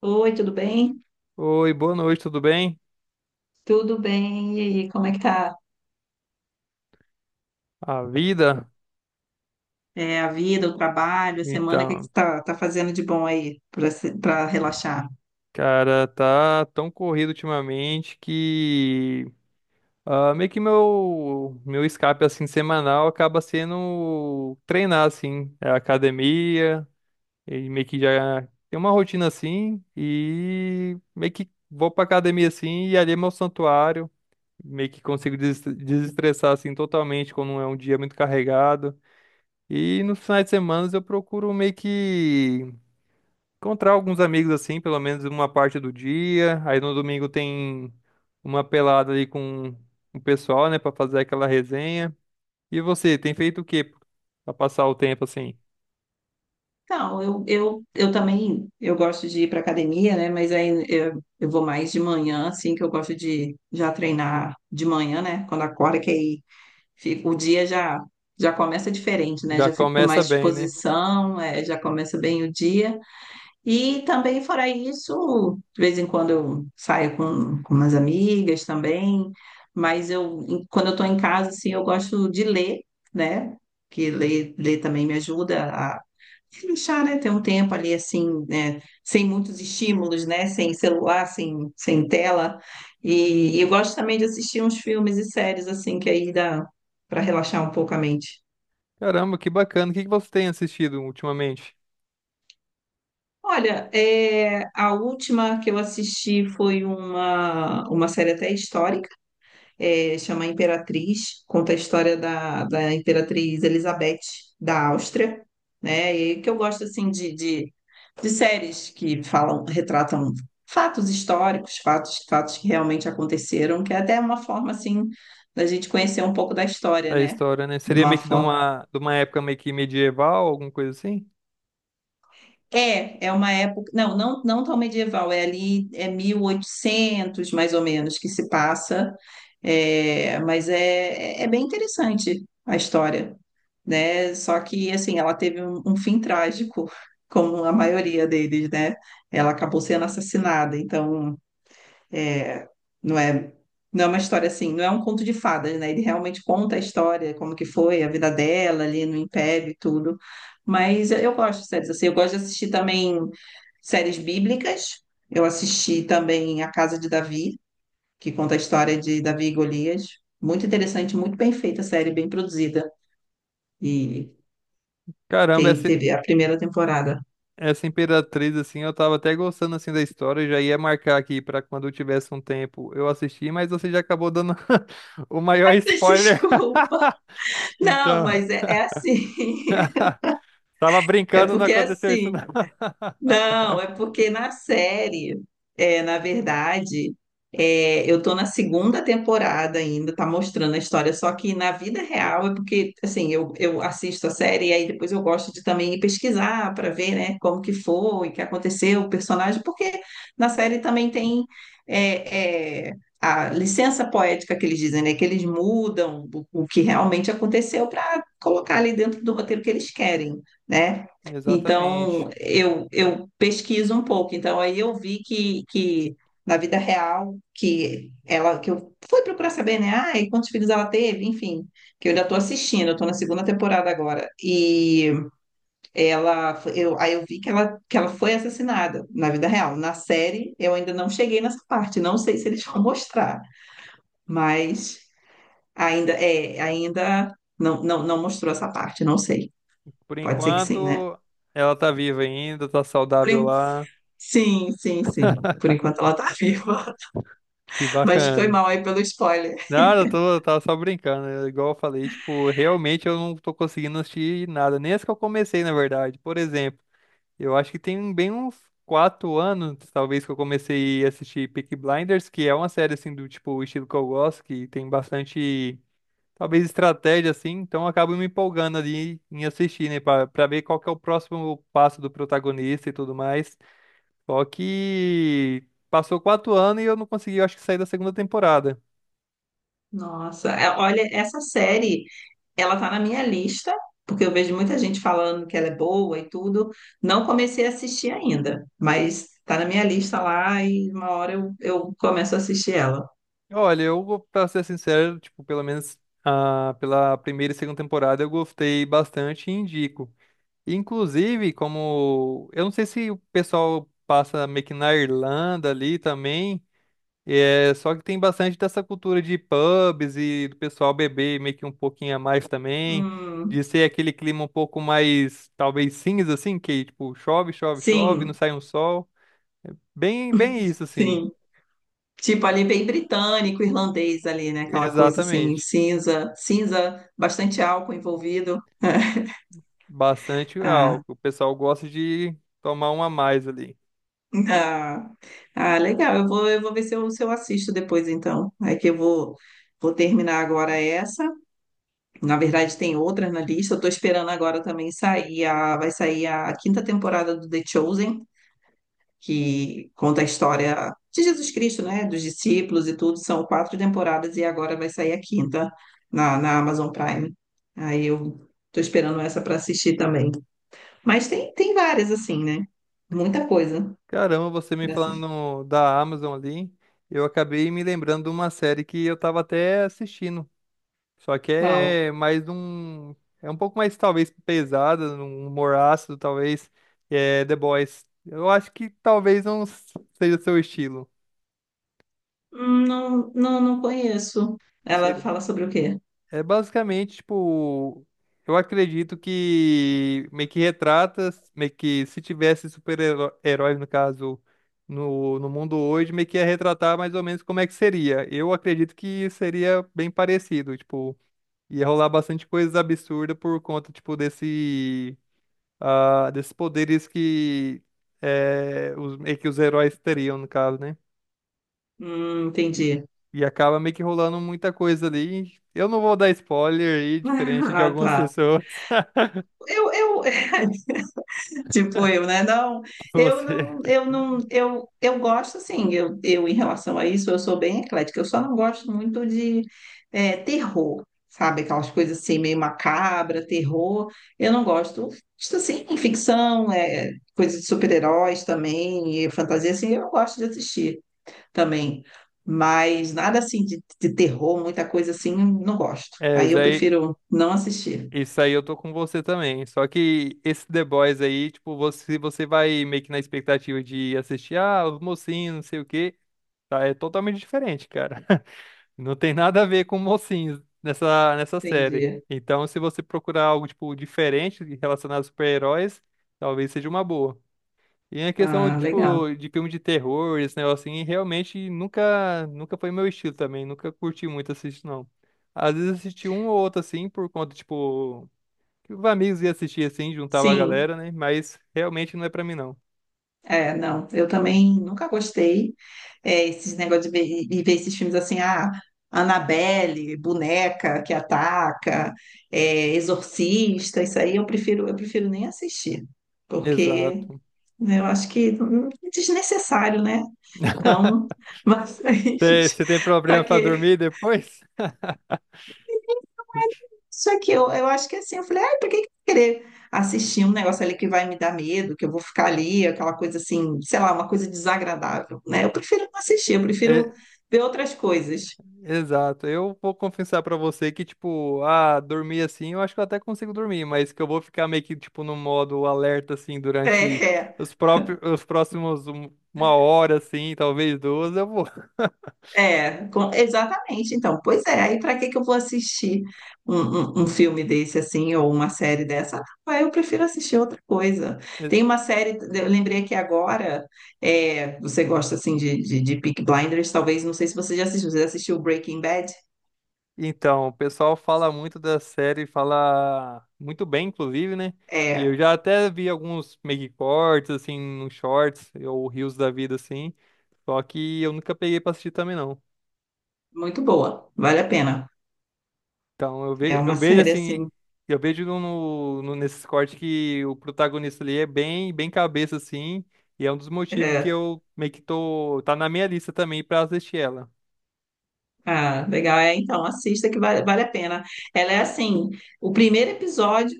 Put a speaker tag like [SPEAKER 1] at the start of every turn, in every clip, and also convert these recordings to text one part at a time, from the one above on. [SPEAKER 1] Oi, tudo bem?
[SPEAKER 2] Oi, boa noite, tudo bem?
[SPEAKER 1] Tudo bem? E aí, como é que tá?
[SPEAKER 2] A vida?
[SPEAKER 1] É, a vida, o trabalho, a semana, o que que
[SPEAKER 2] Então,
[SPEAKER 1] você tá fazendo de bom aí para relaxar?
[SPEAKER 2] cara, tá tão corrido ultimamente que meio que meu escape assim semanal acaba sendo treinar assim, é academia, e meio que já tem uma rotina assim e meio que vou pra academia assim e ali é meu santuário, meio que consigo desestressar assim totalmente quando é um dia muito carregado. E nos finais de semana eu procuro meio que encontrar alguns amigos assim, pelo menos uma parte do dia. Aí no domingo tem uma pelada ali com o pessoal, né, pra fazer aquela resenha. E você, tem feito o quê pra passar o tempo assim?
[SPEAKER 1] Então, eu também eu gosto de ir para academia, né? Mas aí eu vou mais de manhã, assim, que eu gosto de já treinar de manhã, né? Quando acorda, que aí fica, o dia já começa diferente, né?
[SPEAKER 2] Já
[SPEAKER 1] Já fico com
[SPEAKER 2] começa
[SPEAKER 1] mais
[SPEAKER 2] bem, né?
[SPEAKER 1] disposição, já começa bem o dia. E também, fora isso, de vez em quando eu saio com umas amigas também, mas quando eu estou em casa, assim, eu gosto de ler, né? Que ler também me ajuda a relaxar, né? Ter um tempo ali, assim, né? Sem muitos estímulos, né? Sem celular, sem tela. E eu gosto também de assistir uns filmes e séries, assim, que aí dá para relaxar um pouco a mente.
[SPEAKER 2] Caramba, que bacana. O que que você tem assistido ultimamente?
[SPEAKER 1] Olha, a última que eu assisti foi uma série até histórica, chama Imperatriz, conta a história da Imperatriz Elizabeth da Áustria, né? E que eu gosto assim de séries que falam, retratam fatos históricos, fatos que realmente aconteceram, que é até uma forma assim da gente conhecer um pouco da história,
[SPEAKER 2] Da
[SPEAKER 1] né?
[SPEAKER 2] história, né?
[SPEAKER 1] De
[SPEAKER 2] Seria
[SPEAKER 1] uma
[SPEAKER 2] meio que de
[SPEAKER 1] forma
[SPEAKER 2] uma época meio que medieval, alguma coisa assim?
[SPEAKER 1] É, uma época, não, não, não tão medieval, é ali, é 1800 mais ou menos que se passa, mas é bem interessante a história, né? Só que, assim, ela teve um fim trágico, como a maioria deles, né? Ela acabou sendo assassinada, então não é, não é uma história assim, não é um conto de fadas, né? Ele realmente conta a história, como que foi a vida dela ali no Império e tudo. Mas eu gosto de séries assim, eu gosto de assistir também séries bíblicas. Eu assisti também A Casa de Davi, que conta a história de Davi e Golias. Muito interessante, muito bem feita a série, bem produzida. E
[SPEAKER 2] Caramba,
[SPEAKER 1] tem,
[SPEAKER 2] essa,
[SPEAKER 1] teve a primeira temporada.
[SPEAKER 2] Essa Imperatriz, assim, eu tava até gostando, assim, da história, eu já ia marcar aqui pra quando eu tivesse um tempo eu assistir, mas você já acabou dando o maior spoiler.
[SPEAKER 1] Desculpa. Não,
[SPEAKER 2] Então,
[SPEAKER 1] mas é assim.
[SPEAKER 2] tava
[SPEAKER 1] É
[SPEAKER 2] brincando, não
[SPEAKER 1] porque é
[SPEAKER 2] aconteceu isso,
[SPEAKER 1] assim.
[SPEAKER 2] não.
[SPEAKER 1] Não, é porque na série, na verdade, eu tô na segunda temporada ainda, tá mostrando a história, só que na vida real é porque, assim, eu assisto a série e aí depois eu gosto de também pesquisar para ver, né, como que foi, o que aconteceu, o personagem, porque na série também tem é, é, a licença poética que eles dizem, né, que eles mudam o que realmente aconteceu para colocar ali dentro do roteiro que eles querem, né?
[SPEAKER 2] Exatamente.
[SPEAKER 1] Então, eu pesquiso um pouco. Então, aí eu vi que na vida real, que ela, que eu fui procurar saber, né? Ah, e quantos filhos ela teve? Enfim, que eu ainda estou assistindo, eu estou na segunda temporada agora. E aí eu vi que ela, foi assassinada na vida real. Na série, eu ainda não cheguei nessa parte. Não sei se eles vão mostrar, mas ainda não mostrou essa parte, não sei.
[SPEAKER 2] Por
[SPEAKER 1] Pode ser que sim, né?
[SPEAKER 2] enquanto, ela tá viva ainda, tá saudável lá,
[SPEAKER 1] Sim, sim, sim. Por enquanto ela tá viva.
[SPEAKER 2] que
[SPEAKER 1] Mas foi
[SPEAKER 2] bacana.
[SPEAKER 1] mal aí pelo spoiler.
[SPEAKER 2] Nada, eu tava só brincando, é igual eu falei, tipo, realmente eu não tô conseguindo assistir nada, nem as que eu comecei, na verdade. Por exemplo, eu acho que tem bem uns quatro anos, talvez, que eu comecei a assistir Peaky Blinders, que é uma série, assim, do tipo, estilo que eu gosto, que tem bastante, talvez, estratégia, assim, então eu acabo me empolgando ali em assistir, né, pra ver qual que é o próximo passo do protagonista e tudo mais. Só que passou quatro anos e eu não consegui, eu acho que, sair da segunda temporada.
[SPEAKER 1] Nossa, olha, essa série, ela tá na minha lista, porque eu vejo muita gente falando que ela é boa e tudo. Não comecei a assistir ainda, mas tá na minha lista lá e uma hora eu começo a assistir ela.
[SPEAKER 2] Olha, pra ser sincero, tipo, pelo menos pela primeira e segunda temporada eu gostei bastante e indico. Inclusive, como eu não sei se o pessoal passa meio que na Irlanda ali também, é só que tem bastante dessa cultura de pubs e do pessoal beber meio que um pouquinho a mais também,
[SPEAKER 1] Hum,
[SPEAKER 2] de ser aquele clima um pouco mais talvez cinza assim, que tipo chove, chove, chove, não
[SPEAKER 1] sim,
[SPEAKER 2] sai um sol, bem, bem isso assim.
[SPEAKER 1] sim. Tipo, ali bem britânico, irlandês ali, né? Aquela coisa assim,
[SPEAKER 2] Exatamente.
[SPEAKER 1] cinza, cinza, bastante álcool envolvido.
[SPEAKER 2] Bastante
[SPEAKER 1] Ah,
[SPEAKER 2] álcool. O pessoal gosta de tomar um a mais ali.
[SPEAKER 1] Ah, ah, legal. Eu vou ver se se eu assisto depois, então. É que vou terminar agora essa. Na verdade, tem outras na lista. Eu tô esperando agora também vai sair a quinta temporada do The Chosen, que conta a história de Jesus Cristo, né? Dos discípulos e tudo. São quatro temporadas e agora vai sair a quinta na Amazon Prime. Aí eu tô esperando essa para assistir também. Mas tem várias, assim, né? Muita coisa
[SPEAKER 2] Caramba, você me
[SPEAKER 1] para assistir.
[SPEAKER 2] falando da Amazon ali, eu acabei me lembrando de uma série que eu tava até assistindo. Só que
[SPEAKER 1] Qual?
[SPEAKER 2] é mais um. É um pouco mais, talvez, pesada, um humor ácido, talvez. É The Boys. Eu acho que talvez não seja o seu estilo.
[SPEAKER 1] Não, não, não conheço. Ela fala sobre o quê?
[SPEAKER 2] É basicamente, tipo, eu acredito que meio que retrata, meio que se tivesse super-heróis, no caso, no mundo hoje, meio que ia retratar mais ou menos como é que seria. Eu acredito que seria bem parecido, tipo, ia rolar bastante coisas absurdas por conta, tipo, desse, desses poderes que, é, os, meio que os heróis teriam, no caso, né? E,
[SPEAKER 1] Entendi.
[SPEAKER 2] e acaba meio que rolando muita coisa ali. Eu não vou dar spoiler aí, diferente de
[SPEAKER 1] Ah,
[SPEAKER 2] algumas
[SPEAKER 1] tá.
[SPEAKER 2] pessoas.
[SPEAKER 1] Eu, eu, tipo eu, né? Não,
[SPEAKER 2] Você.
[SPEAKER 1] eu não, eu gosto, assim, eu em relação a isso, eu sou bem eclética. Eu só não gosto muito de terror, sabe? Aquelas coisas assim, meio macabra, terror. Eu não gosto, isso, assim, ficção, coisa de super-heróis também, e fantasia, assim, eu gosto de assistir também. Mas nada assim de terror, muita coisa assim, não gosto.
[SPEAKER 2] É,
[SPEAKER 1] Aí eu prefiro não assistir.
[SPEAKER 2] isso aí eu tô com você também. Só que esse The Boys aí, tipo, você vai meio que na expectativa de assistir, ah, os mocinhos, não sei o quê. Tá, é totalmente diferente, cara. Não tem nada a ver com mocinhos nessa série.
[SPEAKER 1] Entendi.
[SPEAKER 2] Então, se você procurar algo, tipo, diferente relacionado a super-heróis, talvez seja uma boa. E a questão,
[SPEAKER 1] Ah, legal.
[SPEAKER 2] tipo, de filme de terror, esse negócio assim, realmente nunca foi meu estilo também, nunca curti muito assistir, não. Às vezes assisti um ou outro, assim, por conta, tipo, que os amigos iam assistir, assim, juntava a
[SPEAKER 1] Sim,
[SPEAKER 2] galera, né? Mas realmente não é pra mim, não.
[SPEAKER 1] é, não. Eu também nunca gostei. É, esses negócios de ver, e ver esses filmes assim, ah, Annabelle, boneca que ataca, exorcista, isso aí eu prefiro, nem assistir, porque
[SPEAKER 2] Exato.
[SPEAKER 1] né, eu acho que é desnecessário, né? Então, mas
[SPEAKER 2] Você tem
[SPEAKER 1] para
[SPEAKER 2] problema pra dormir
[SPEAKER 1] que
[SPEAKER 2] depois?
[SPEAKER 1] isso aqui, eu acho que é assim, eu falei, ai, pra que que eu vou querer assistir um negócio ali que vai me dar medo, que eu vou ficar ali, aquela coisa assim, sei lá, uma coisa desagradável, né? Eu prefiro não assistir, eu prefiro ver outras coisas.
[SPEAKER 2] Exato. Eu vou confessar pra você que, tipo, dormir assim, eu acho que eu até consigo dormir, mas que eu vou ficar meio que, tipo, no modo alerta, assim, durante
[SPEAKER 1] É,
[SPEAKER 2] os próprios, os próximos uma hora, assim, talvez duas, eu vou.
[SPEAKER 1] é, exatamente. Então, pois é, aí pra que que eu vou assistir um filme desse assim, ou uma série dessa? Ah, eu prefiro assistir outra coisa. Tem uma série, eu lembrei aqui agora, você gosta assim de Peaky Blinders, talvez, não sei se você já assistiu, você já assistiu Breaking Bad?
[SPEAKER 2] Então, o pessoal fala muito da série, fala muito bem, inclusive, né? E eu
[SPEAKER 1] É,
[SPEAKER 2] já até vi alguns meio que cortes, assim, nos shorts, ou reels da vida, assim, só que eu nunca peguei pra assistir também, não.
[SPEAKER 1] muito boa, vale a pena.
[SPEAKER 2] Então,
[SPEAKER 1] É
[SPEAKER 2] eu
[SPEAKER 1] uma
[SPEAKER 2] vejo
[SPEAKER 1] série
[SPEAKER 2] assim,
[SPEAKER 1] assim.
[SPEAKER 2] eu vejo nesses cortes que o protagonista ali é bem, bem cabeça, assim, e é um dos motivos que
[SPEAKER 1] É,
[SPEAKER 2] eu meio que tá na minha lista também pra assistir ela.
[SPEAKER 1] ah, legal, é então, assista que vale a pena. Ela é assim, o primeiro episódio,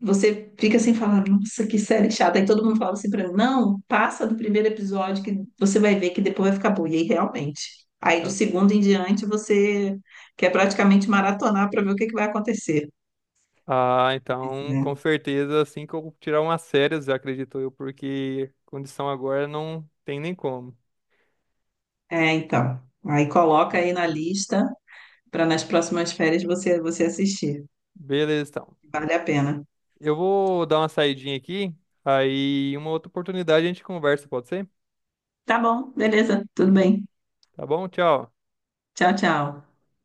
[SPEAKER 1] você fica assim falando, nossa, que série chata. Aí todo mundo fala assim pra mim, não, passa do primeiro episódio que você vai ver que depois vai ficar boa. E aí, realmente. Aí do
[SPEAKER 2] Eu-
[SPEAKER 1] segundo em diante você quer praticamente maratonar para ver o que que vai acontecer.
[SPEAKER 2] ah,
[SPEAKER 1] Mas,
[SPEAKER 2] então, com certeza, assim que eu tirar umas férias, eu acredito eu, porque condição agora não tem nem como.
[SPEAKER 1] então. Aí coloca aí na lista para nas próximas férias você assistir.
[SPEAKER 2] Beleza, então.
[SPEAKER 1] Vale a pena.
[SPEAKER 2] Eu vou dar uma saidinha aqui, aí uma outra oportunidade a gente conversa, pode ser?
[SPEAKER 1] Tá bom, beleza, tudo bem.
[SPEAKER 2] Tá bom? Tchau.
[SPEAKER 1] Tchau, tchau.